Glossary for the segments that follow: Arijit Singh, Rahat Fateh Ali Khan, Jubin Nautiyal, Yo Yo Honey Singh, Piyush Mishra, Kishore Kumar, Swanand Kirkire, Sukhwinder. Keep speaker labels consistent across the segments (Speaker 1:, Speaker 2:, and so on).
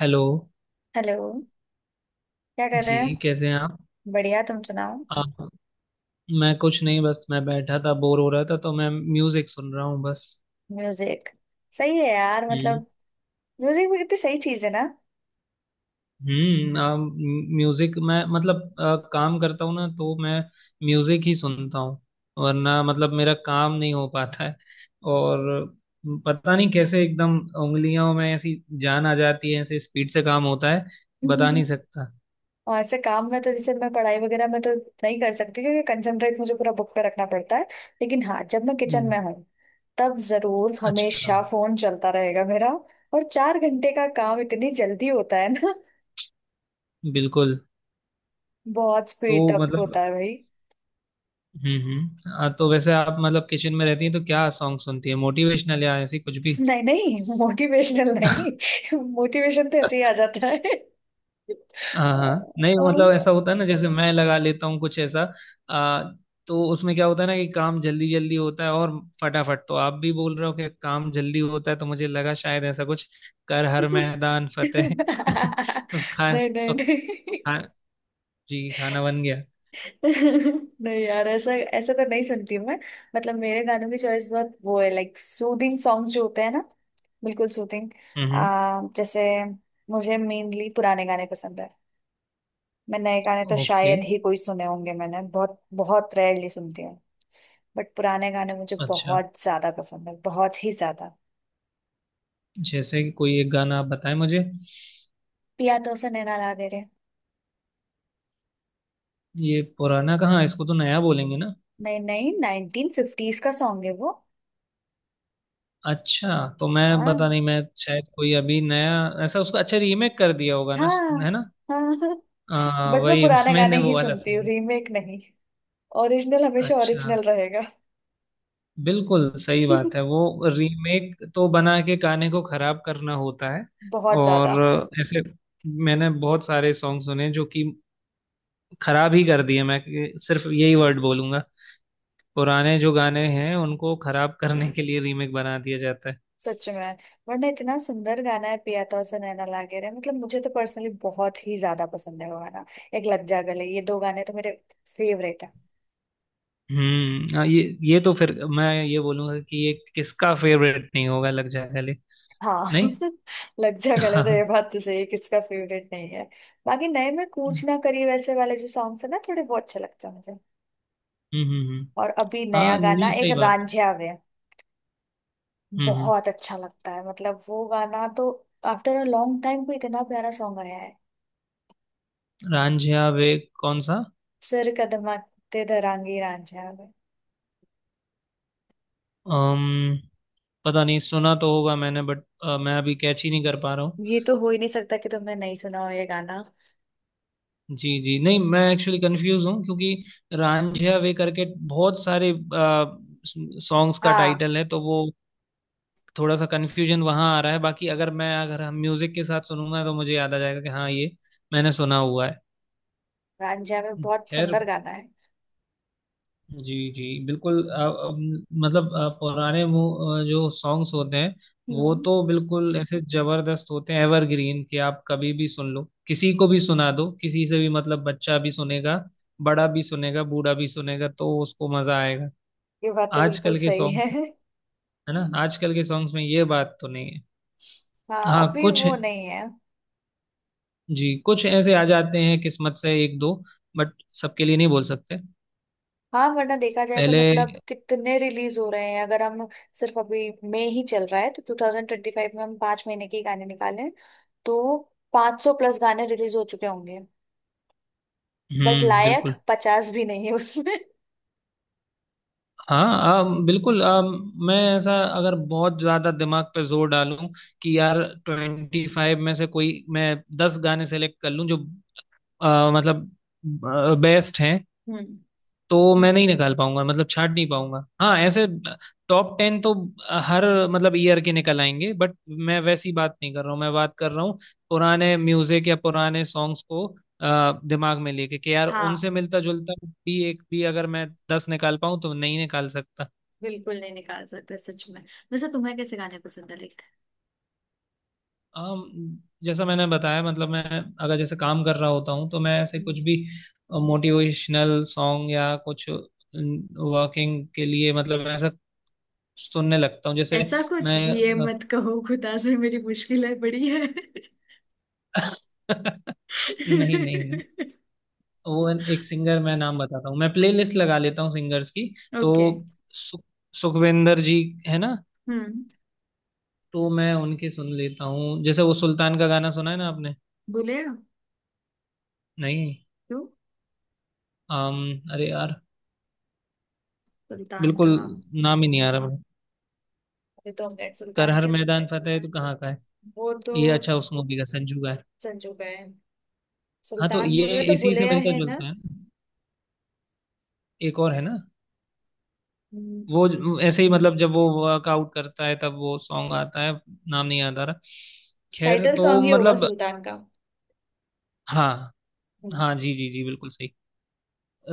Speaker 1: Hello
Speaker 2: hello. क्या कर रहे
Speaker 1: जी,
Speaker 2: हैं?
Speaker 1: कैसे हैं आप?
Speaker 2: बढ़िया, तुम सुनाओ।
Speaker 1: आप। मैं कुछ नहीं, बस मैं बैठा था, बोर हो रहा था तो मैं म्यूजिक सुन रहा हूँ बस।
Speaker 2: म्यूजिक सही है यार।
Speaker 1: हम्म।
Speaker 2: मतलब म्यूजिक भी कितनी सही चीज है ना।
Speaker 1: हम्म आ, म्यूजिक मैं मतलब काम करता हूँ ना तो मैं म्यूजिक ही सुनता हूँ, वरना मतलब मेरा काम नहीं हो पाता है। और पता नहीं कैसे एकदम उंगलियों में ऐसी जान आ जाती है, ऐसे स्पीड से काम होता है, बता नहीं सकता।
Speaker 2: और ऐसे काम में तो जैसे मैं पढ़ाई वगैरह में तो नहीं कर सकती, क्योंकि कंसंट्रेट मुझे पूरा बुक पे रखना पड़ता है। लेकिन हाँ, जब मैं किचन
Speaker 1: हम्म,
Speaker 2: में हूँ तब जरूर
Speaker 1: अच्छा।
Speaker 2: हमेशा फोन चलता रहेगा मेरा। और चार घंटे का काम इतनी जल्दी होता है ना।
Speaker 1: बिल्कुल।
Speaker 2: बहुत
Speaker 1: तो
Speaker 2: स्पीड अप होता
Speaker 1: मतलब।
Speaker 2: है भाई।
Speaker 1: हम्म, हाँ, तो वैसे आप मतलब किचन में रहती हैं तो क्या सॉन्ग सुनती है, मोटिवेशनल या ऐसी कुछ भी?
Speaker 2: नहीं नहीं मोटिवेशनल नहीं। मोटिवेशन तो ऐसे ही आ जाता है।
Speaker 1: हाँ हाँ, नहीं मतलब ऐसा होता है ना, जैसे मैं लगा लेता हूँ कुछ ऐसा। आ, तो उसमें क्या होता है ना कि काम जल्दी जल्दी होता है, और फटाफट। तो आप भी बोल रहे हो कि काम जल्दी होता है तो मुझे लगा शायद ऐसा कुछ। कर हर
Speaker 2: नहीं
Speaker 1: मैदान फतेह।
Speaker 2: नहीं।
Speaker 1: तो
Speaker 2: नहीं
Speaker 1: खा जी खाना बन गया।
Speaker 2: नहीं यार, ऐसा ऐसा तो नहीं सुनती हूँ मैं। मतलब मेरे गानों की चॉइस बहुत वो है, लाइक सूदिंग सॉन्ग जो होते हैं ना, बिल्कुल सूदिंग।
Speaker 1: हम्म,
Speaker 2: आ जैसे मुझे मेनली पुराने गाने पसंद है। मैं नए गाने तो
Speaker 1: ओके,
Speaker 2: शायद ही कोई सुने होंगे मैंने, बहुत बहुत रेयरली सुनती हूँ। बट पुराने गाने मुझे
Speaker 1: अच्छा।
Speaker 2: बहुत ज्यादा पसंद है, बहुत ही ज्यादा।
Speaker 1: जैसे कि कोई एक गाना आप बताएं मुझे।
Speaker 2: पिया तो उसे नैना ला दे रे।
Speaker 1: ये पुराना कहाँ, इसको तो नया बोलेंगे ना।
Speaker 2: नहीं नहीं, नाइनटीन फिफ्टीज का सॉन्ग है वो।
Speaker 1: अच्छा, तो मैं
Speaker 2: हाँ।
Speaker 1: पता नहीं, मैं शायद कोई अभी नया ऐसा उसको अच्छा रीमेक कर दिया होगा ना,
Speaker 2: हाँ
Speaker 1: है ना।
Speaker 2: हाँ हाँ। बट मैं
Speaker 1: वही।
Speaker 2: पुराने गाने
Speaker 1: मैंने
Speaker 2: ही
Speaker 1: वो वाला
Speaker 2: सुनती हूँ,
Speaker 1: सुना।
Speaker 2: रीमेक नहीं। ओरिजिनल हमेशा
Speaker 1: अच्छा,
Speaker 2: ओरिजिनल रहेगा।
Speaker 1: बिल्कुल सही बात है वो। रीमेक तो बना के गाने को खराब करना होता है।
Speaker 2: बहुत ज्यादा।
Speaker 1: और ऐसे मैंने बहुत सारे सॉन्ग सुने जो कि खराब ही कर दिए। मैं सिर्फ यही वर्ड बोलूंगा, पुराने जो गाने हैं उनको खराब करने के लिए रीमेक बना दिया जाता है।
Speaker 2: सच में, वरना इतना सुंदर गाना है पिया तो उसे नैना लागे रे। मतलब मुझे तो पर्सनली बहुत ही ज्यादा पसंद है वो गाना। एक लग जा गले, ये दो गाने तो मेरे फेवरेट है।
Speaker 1: हम्म, हाँ, ये तो फिर मैं ये बोलूंगा कि ये किसका फेवरेट नहीं होगा लग जाए गले।
Speaker 2: हाँ
Speaker 1: नहीं।
Speaker 2: लग जा गले
Speaker 1: हाँ
Speaker 2: तो ये
Speaker 1: हाँ।
Speaker 2: बात तो सही है, किसका फेवरेट नहीं है। बाकी नए में
Speaker 1: हम्म
Speaker 2: कूच ना करी वैसे वाले जो सॉन्ग्स है ना, थोड़े बहुत अच्छे लगते हैं मुझे।
Speaker 1: हम्म हम्म।
Speaker 2: और अभी नया
Speaker 1: हाँ,
Speaker 2: गाना
Speaker 1: नहीं,
Speaker 2: एक
Speaker 1: सही बात है।
Speaker 2: रांझिया वे
Speaker 1: हम्म हम्म।
Speaker 2: बहुत अच्छा लगता है, मतलब वो गाना तो आफ्टर अ लॉन्ग टाइम को इतना प्यारा सॉन्ग आया है।
Speaker 1: रांझिया वे, कौन सा?
Speaker 2: सिर कदमा ते दरांगी रांझा में।
Speaker 1: अम्म पता नहीं, सुना तो होगा मैंने बट मैं अभी कैच ही नहीं कर पा रहा हूँ।
Speaker 2: ये तो हो ही नहीं सकता कि तुमने नहीं सुना हो ये गाना।
Speaker 1: जी जी नहीं, मैं एक्चुअली कंफ्यूज हूँ क्योंकि रांझिया वे करके बहुत सारे सॉन्ग्स का
Speaker 2: हाँ,
Speaker 1: टाइटल है, तो वो थोड़ा सा कन्फ्यूजन वहां आ रहा है। बाकी अगर मैं अगर हम म्यूजिक के साथ सुनूंगा तो मुझे याद आ जाएगा कि हाँ ये मैंने सुना हुआ है।
Speaker 2: रांझा में बहुत
Speaker 1: खैर,
Speaker 2: सुंदर गाना है।
Speaker 1: जी जी बिल्कुल। मतलब पुराने जो सॉन्ग्स होते हैं, वो
Speaker 2: हम्म।
Speaker 1: तो बिल्कुल ऐसे जबरदस्त होते हैं, एवरग्रीन, कि आप कभी भी सुन लो, किसी को भी सुना दो, किसी से भी, मतलब बच्चा भी सुनेगा, बड़ा भी सुनेगा, बूढ़ा भी सुनेगा, तो उसको मजा आएगा।
Speaker 2: ये बात तो बिल्कुल
Speaker 1: आजकल के
Speaker 2: सही है।
Speaker 1: सॉन्ग, है ना, आजकल के सॉन्ग्स में ये बात तो नहीं है।
Speaker 2: हाँ,
Speaker 1: हाँ,
Speaker 2: अभी
Speaker 1: कुछ
Speaker 2: वो नहीं है।
Speaker 1: जी कुछ ऐसे आ जाते हैं किस्मत से एक दो, बट सबके लिए नहीं बोल सकते।
Speaker 2: हाँ, वरना देखा जाए तो
Speaker 1: पहले।
Speaker 2: मतलब कितने रिलीज हो रहे हैं। अगर हम सिर्फ अभी मई ही चल रहा है तो 2025 में हम पांच महीने के ही गाने निकालें तो 500 प्लस गाने रिलीज हो चुके होंगे। बट
Speaker 1: हम्म,
Speaker 2: लायक
Speaker 1: बिल्कुल,
Speaker 2: पचास भी नहीं है उसमें।
Speaker 1: हाँ। बिल्कुल मैं ऐसा अगर बहुत ज़्यादा दिमाग पे जोर डालूं कि यार 25 में से कोई मैं 10 गाने सेलेक्ट कर लूं जो मतलब बेस्ट हैं,
Speaker 2: हम्म।
Speaker 1: तो मैं नहीं निकाल पाऊंगा, मतलब छाट नहीं पाऊंगा। हाँ ऐसे टॉप 10 तो हर मतलब ईयर के निकल आएंगे, बट मैं वैसी बात नहीं कर रहा हूँ। मैं बात कर रहा हूँ पुराने म्यूजिक या पुराने सॉन्ग्स को दिमाग में लेके कि यार
Speaker 2: हाँ,
Speaker 1: उनसे मिलता जुलता भी एक भी अगर मैं 10 निकाल पाऊँ तो नहीं निकाल सकता।
Speaker 2: बिल्कुल नहीं निकाल सकते, सच में। वैसे तुम्हें कैसे गाने पसंद है लाइक?
Speaker 1: अम, जैसा मैंने बताया, मतलब मैं अगर जैसे काम कर रहा होता हूँ तो मैं ऐसे
Speaker 2: हम्म।
Speaker 1: कुछ भी मोटिवेशनल सॉन्ग या कुछ वर्किंग के लिए, मतलब ऐसा सुनने लगता हूँ, जैसे
Speaker 2: ऐसा कुछ,
Speaker 1: मैं।
Speaker 2: ये मत कहो खुदा से मेरी मुश्किल है बड़ी है।
Speaker 1: नहीं नहीं नहीं। वो एक सिंगर, मैं नाम बताता हूँ, मैं प्लेलिस्ट लगा लेता हूँ सिंगर्स की,
Speaker 2: ओके।
Speaker 1: तो सु, सुखविंदर जी, है ना।
Speaker 2: हम्म।
Speaker 1: तो मैं उनके सुन लेता हूँ, जैसे वो सुल्तान का गाना सुना है ना आपने?
Speaker 2: बोले?
Speaker 1: नहीं।
Speaker 2: क्यों?
Speaker 1: अम अरे यार,
Speaker 2: सुल्तान
Speaker 1: बिल्कुल
Speaker 2: का?
Speaker 1: नाम ही नहीं आ रहा मुझे।
Speaker 2: ये तो हमने
Speaker 1: कर
Speaker 2: सुल्तान
Speaker 1: हर
Speaker 2: के
Speaker 1: मैदान फतेह है, तो कहाँ का है
Speaker 2: वो तो
Speaker 1: ये? अच्छा, उस मूवी का, संजू का है।
Speaker 2: संजू का है।
Speaker 1: हाँ तो
Speaker 2: सुल्तान
Speaker 1: ये
Speaker 2: मूवी का तो
Speaker 1: इसी से
Speaker 2: बुलेया
Speaker 1: मिलता
Speaker 2: है ना।
Speaker 1: जुलता है ना। एक और है ना,
Speaker 2: हम्म,
Speaker 1: वो ऐसे ही, मतलब जब वो वर्कआउट करता है तब वो सॉन्ग आता है, नाम नहीं याद आ रहा। खैर,
Speaker 2: टाइटल
Speaker 1: तो
Speaker 2: सॉन्ग ही होगा
Speaker 1: मतलब।
Speaker 2: सुल्तान का।
Speaker 1: हाँ
Speaker 2: हम्म।
Speaker 1: हाँ जी जी जी बिल्कुल सही,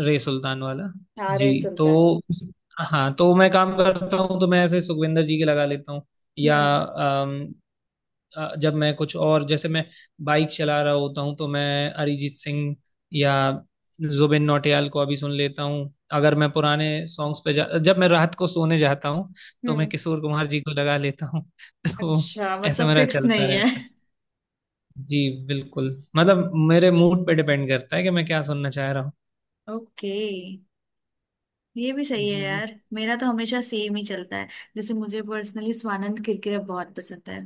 Speaker 1: रे सुल्तान वाला।
Speaker 2: हाँ,
Speaker 1: जी
Speaker 2: रे
Speaker 1: तो।
Speaker 2: सुल्तान।
Speaker 1: हाँ तो मैं काम करता हूँ तो मैं ऐसे सुखविंदर जी के लगा लेता हूँ, या
Speaker 2: हम्म।
Speaker 1: जब मैं कुछ और, जैसे मैं बाइक चला रहा होता हूँ, तो मैं अरिजीत सिंह या जुबिन नौटियाल को अभी सुन लेता हूँ। अगर मैं पुराने सॉन्ग्स पे जा जब मैं रात को सोने जाता हूँ तो मैं
Speaker 2: हम्म
Speaker 1: किशोर कुमार जी को लगा लेता हूँ। तो
Speaker 2: अच्छा,
Speaker 1: ऐसा
Speaker 2: मतलब
Speaker 1: मेरा
Speaker 2: फिक्स
Speaker 1: चलता
Speaker 2: नहीं है।
Speaker 1: रहता है। जी बिल्कुल, मतलब मेरे मूड पे डिपेंड करता है कि मैं क्या सुनना चाह रहा हूँ।
Speaker 2: ओके, ये भी सही है
Speaker 1: जी।
Speaker 2: यार, मेरा तो हमेशा सेम ही चलता है। जैसे मुझे पर्सनली स्वानंद किरकिरे बहुत पसंद है।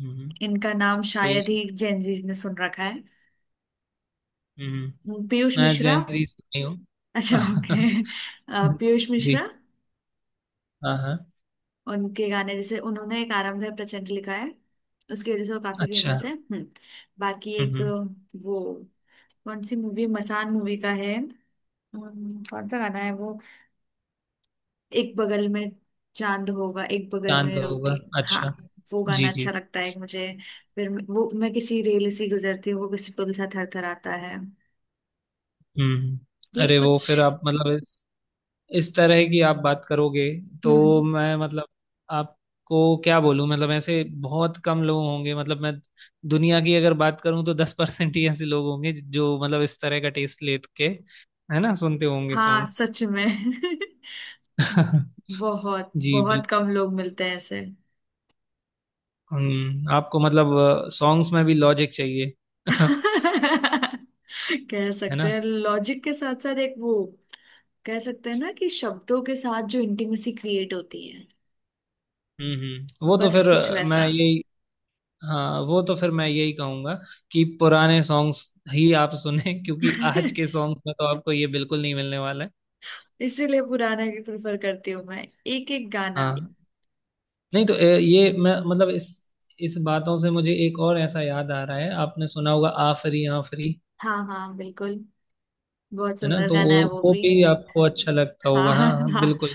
Speaker 1: हम्म।
Speaker 2: इनका नाम
Speaker 1: कोई।
Speaker 2: शायद ही जेनजीज ने सुन रखा है।
Speaker 1: हम्म।
Speaker 2: पीयूष
Speaker 1: मैं
Speaker 2: मिश्रा।
Speaker 1: जैन जी से नहीं हूँ।
Speaker 2: अच्छा, ओके। पीयूष
Speaker 1: जी।
Speaker 2: मिश्रा,
Speaker 1: हाँ हाँ,
Speaker 2: उनके गाने जैसे उन्होंने एक आरंभ है प्रचंड लिखा है, उसकी वजह से वो काफी
Speaker 1: अच्छा।
Speaker 2: फेमस है। हम्म। बाकी एक
Speaker 1: हम्म,
Speaker 2: वो कौन सी मूवी, मसान मूवी का है। कौन सा गाना है वो? एक बगल में चांद होगा, एक बगल
Speaker 1: चांद
Speaker 2: में रोती।
Speaker 1: होगा।
Speaker 2: हाँ,
Speaker 1: अच्छा,
Speaker 2: वो गाना
Speaker 1: जी
Speaker 2: अच्छा
Speaker 1: जी।
Speaker 2: लगता है मुझे। फिर वो मैं किसी रेल से गुजरती हूँ वो किसी पुल सा थरथराता है,
Speaker 1: हम्म हम्म।
Speaker 2: ये
Speaker 1: अरे
Speaker 2: कुछ।
Speaker 1: वो, फिर आप मतलब इस तरह की आप बात करोगे तो
Speaker 2: हम्म।
Speaker 1: मैं मतलब आपको क्या बोलूं, मतलब ऐसे बहुत कम लोग होंगे, मतलब मैं दुनिया की अगर बात करूं तो 10% ही ऐसे लोग होंगे जो मतलब इस तरह का टेस्ट लेके, है ना, सुनते होंगे
Speaker 2: हाँ,
Speaker 1: सॉन्ग।
Speaker 2: सच में। बहुत
Speaker 1: जी बिल्कुल।
Speaker 2: बहुत कम लोग मिलते हैं ऐसे।
Speaker 1: आपको मतलब सॉन्ग्स में भी लॉजिक चाहिए।
Speaker 2: कह
Speaker 1: है
Speaker 2: सकते
Speaker 1: ना।
Speaker 2: हैं, लॉजिक के साथ साथ एक वो, कह सकते हैं ना कि शब्दों के साथ जो इंटीमेसी क्रिएट होती है,
Speaker 1: हम्म,
Speaker 2: बस कुछ वैसा।
Speaker 1: वो तो फिर मैं यही कहूंगा कि पुराने सॉन्ग्स ही आप सुने, क्योंकि आज के सॉन्ग्स में तो आपको ये बिल्कुल नहीं मिलने वाला है।
Speaker 2: इसीलिए पुराना ही प्रेफर करती हूँ मैं, एक एक गाना।
Speaker 1: हाँ, नहीं तो ये मैं मतलब इस बातों से मुझे एक और ऐसा याद आ रहा है, आपने सुना होगा आफरी आफरी।
Speaker 2: हाँ हाँ, बिल्कुल। बहुत
Speaker 1: है ना,
Speaker 2: सुंदर
Speaker 1: तो वो
Speaker 2: गाना है वो
Speaker 1: वो
Speaker 2: भी।
Speaker 1: भी आपको अच्छा लगता
Speaker 2: हाँ
Speaker 1: होगा।
Speaker 2: हाँ
Speaker 1: हाँ हाँ,
Speaker 2: हाँ,
Speaker 1: बिल्कुल।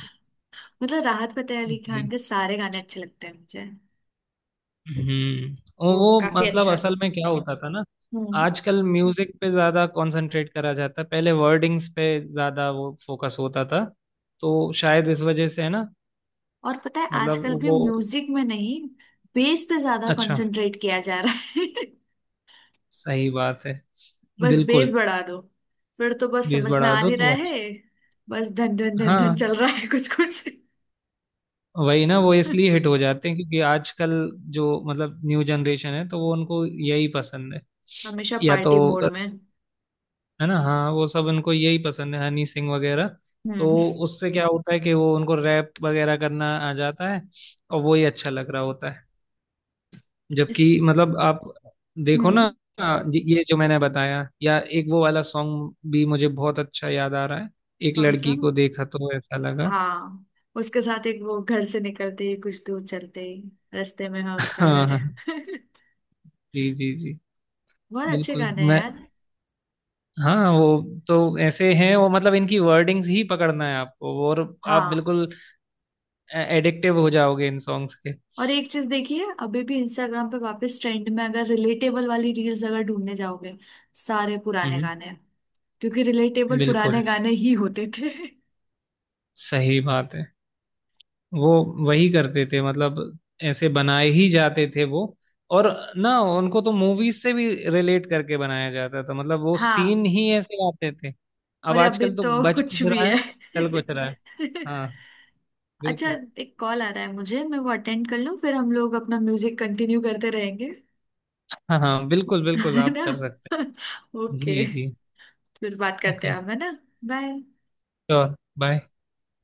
Speaker 2: मतलब राहत फतेह अली खान के सारे गाने अच्छे लगते हैं मुझे।
Speaker 1: हम्म। और
Speaker 2: वो
Speaker 1: वो
Speaker 2: काफी
Speaker 1: मतलब
Speaker 2: अच्छा।
Speaker 1: असल में क्या होता था ना,
Speaker 2: हम्म।
Speaker 1: आजकल म्यूजिक पे ज्यादा कंसंट्रेट करा जाता है, पहले वर्डिंग्स पे ज्यादा वो फोकस होता था, तो शायद इस वजह से, है ना।
Speaker 2: और पता है
Speaker 1: मतलब
Speaker 2: आजकल भी
Speaker 1: वो,
Speaker 2: म्यूजिक में नहीं, बेस पे ज्यादा
Speaker 1: अच्छा।
Speaker 2: कंसंट्रेट किया जा रहा है।
Speaker 1: सही बात है।
Speaker 2: बस
Speaker 1: बिल्कुल।
Speaker 2: बेस बढ़ा दो, फिर तो बस
Speaker 1: बेस
Speaker 2: समझ में
Speaker 1: बढ़ा
Speaker 2: आ
Speaker 1: दो
Speaker 2: नहीं रहा
Speaker 1: तो अच्छा।
Speaker 2: है। बस धन धन धन धन
Speaker 1: हाँ,
Speaker 2: चल रहा है, कुछ कुछ।
Speaker 1: वही ना, वो इसलिए हिट हो जाते हैं क्योंकि आजकल जो मतलब न्यू जनरेशन है, तो वो उनको यही पसंद है,
Speaker 2: हमेशा
Speaker 1: या तो,
Speaker 2: पार्टी मोड में।
Speaker 1: है ना, हाँ वो सब उनको यही पसंद है, हनी सिंह वगैरह। तो
Speaker 2: हम्म।
Speaker 1: उससे क्या होता है कि वो उनको रैप वगैरह करना आ जाता है, और वो ही अच्छा लग रहा होता है, जबकि
Speaker 2: जिस।
Speaker 1: मतलब आप देखो ना।
Speaker 2: हम्म।
Speaker 1: ये जो मैंने बताया या एक वो वाला सॉन्ग भी मुझे बहुत अच्छा याद आ रहा है, एक
Speaker 2: कौन सा?
Speaker 1: लड़की को देखा तो ऐसा लगा।
Speaker 2: हाँ, उसके साथ एक वो, घर से निकलते ही कुछ दूर चलते ही रास्ते में है उसका
Speaker 1: हाँ
Speaker 2: घर।
Speaker 1: हाँ। जी जी जी।
Speaker 2: बहुत अच्छे
Speaker 1: बिल्कुल
Speaker 2: गाने हैं
Speaker 1: मैं
Speaker 2: यार।
Speaker 1: हाँ, वो तो ऐसे हैं वो, मतलब इनकी वर्डिंग्स ही पकड़ना है आपको, और आप
Speaker 2: हाँ।
Speaker 1: बिल्कुल एडिक्टिव हो जाओगे इन सॉन्ग्स के।
Speaker 2: और एक चीज देखिए, अभी भी इंस्टाग्राम पे वापस ट्रेंड में अगर रिलेटेबल वाली रील्स अगर ढूंढने जाओगे, सारे पुराने
Speaker 1: हम्म,
Speaker 2: गाने हैं, क्योंकि रिलेटेबल
Speaker 1: बिल्कुल
Speaker 2: पुराने गाने ही होते थे।
Speaker 1: सही बात है। वो वही करते थे, मतलब ऐसे बनाए ही जाते थे वो। और ना उनको तो मूवीज से भी रिलेट करके बनाया जाता था, मतलब वो
Speaker 2: हाँ,
Speaker 1: सीन ही ऐसे आते थे। अब
Speaker 2: और अभी
Speaker 1: आजकल तो
Speaker 2: तो
Speaker 1: बच कुछ
Speaker 2: कुछ भी
Speaker 1: रहा
Speaker 2: है।
Speaker 1: है, चल कुछ रहा है। हाँ,
Speaker 2: अच्छा,
Speaker 1: बिल्कुल।
Speaker 2: एक कॉल आ रहा है मुझे, मैं वो अटेंड कर लूँ, फिर हम लोग अपना म्यूजिक कंटिन्यू करते रहेंगे,
Speaker 1: हाँ हाँ, बिल्कुल बिल्कुल
Speaker 2: है
Speaker 1: आप
Speaker 2: ना?
Speaker 1: कर सकते हैं।
Speaker 2: ओके,
Speaker 1: जी जी,
Speaker 2: फिर बात करते
Speaker 1: ओके,
Speaker 2: हैं हम, है ना? बाय।
Speaker 1: Sure, bye.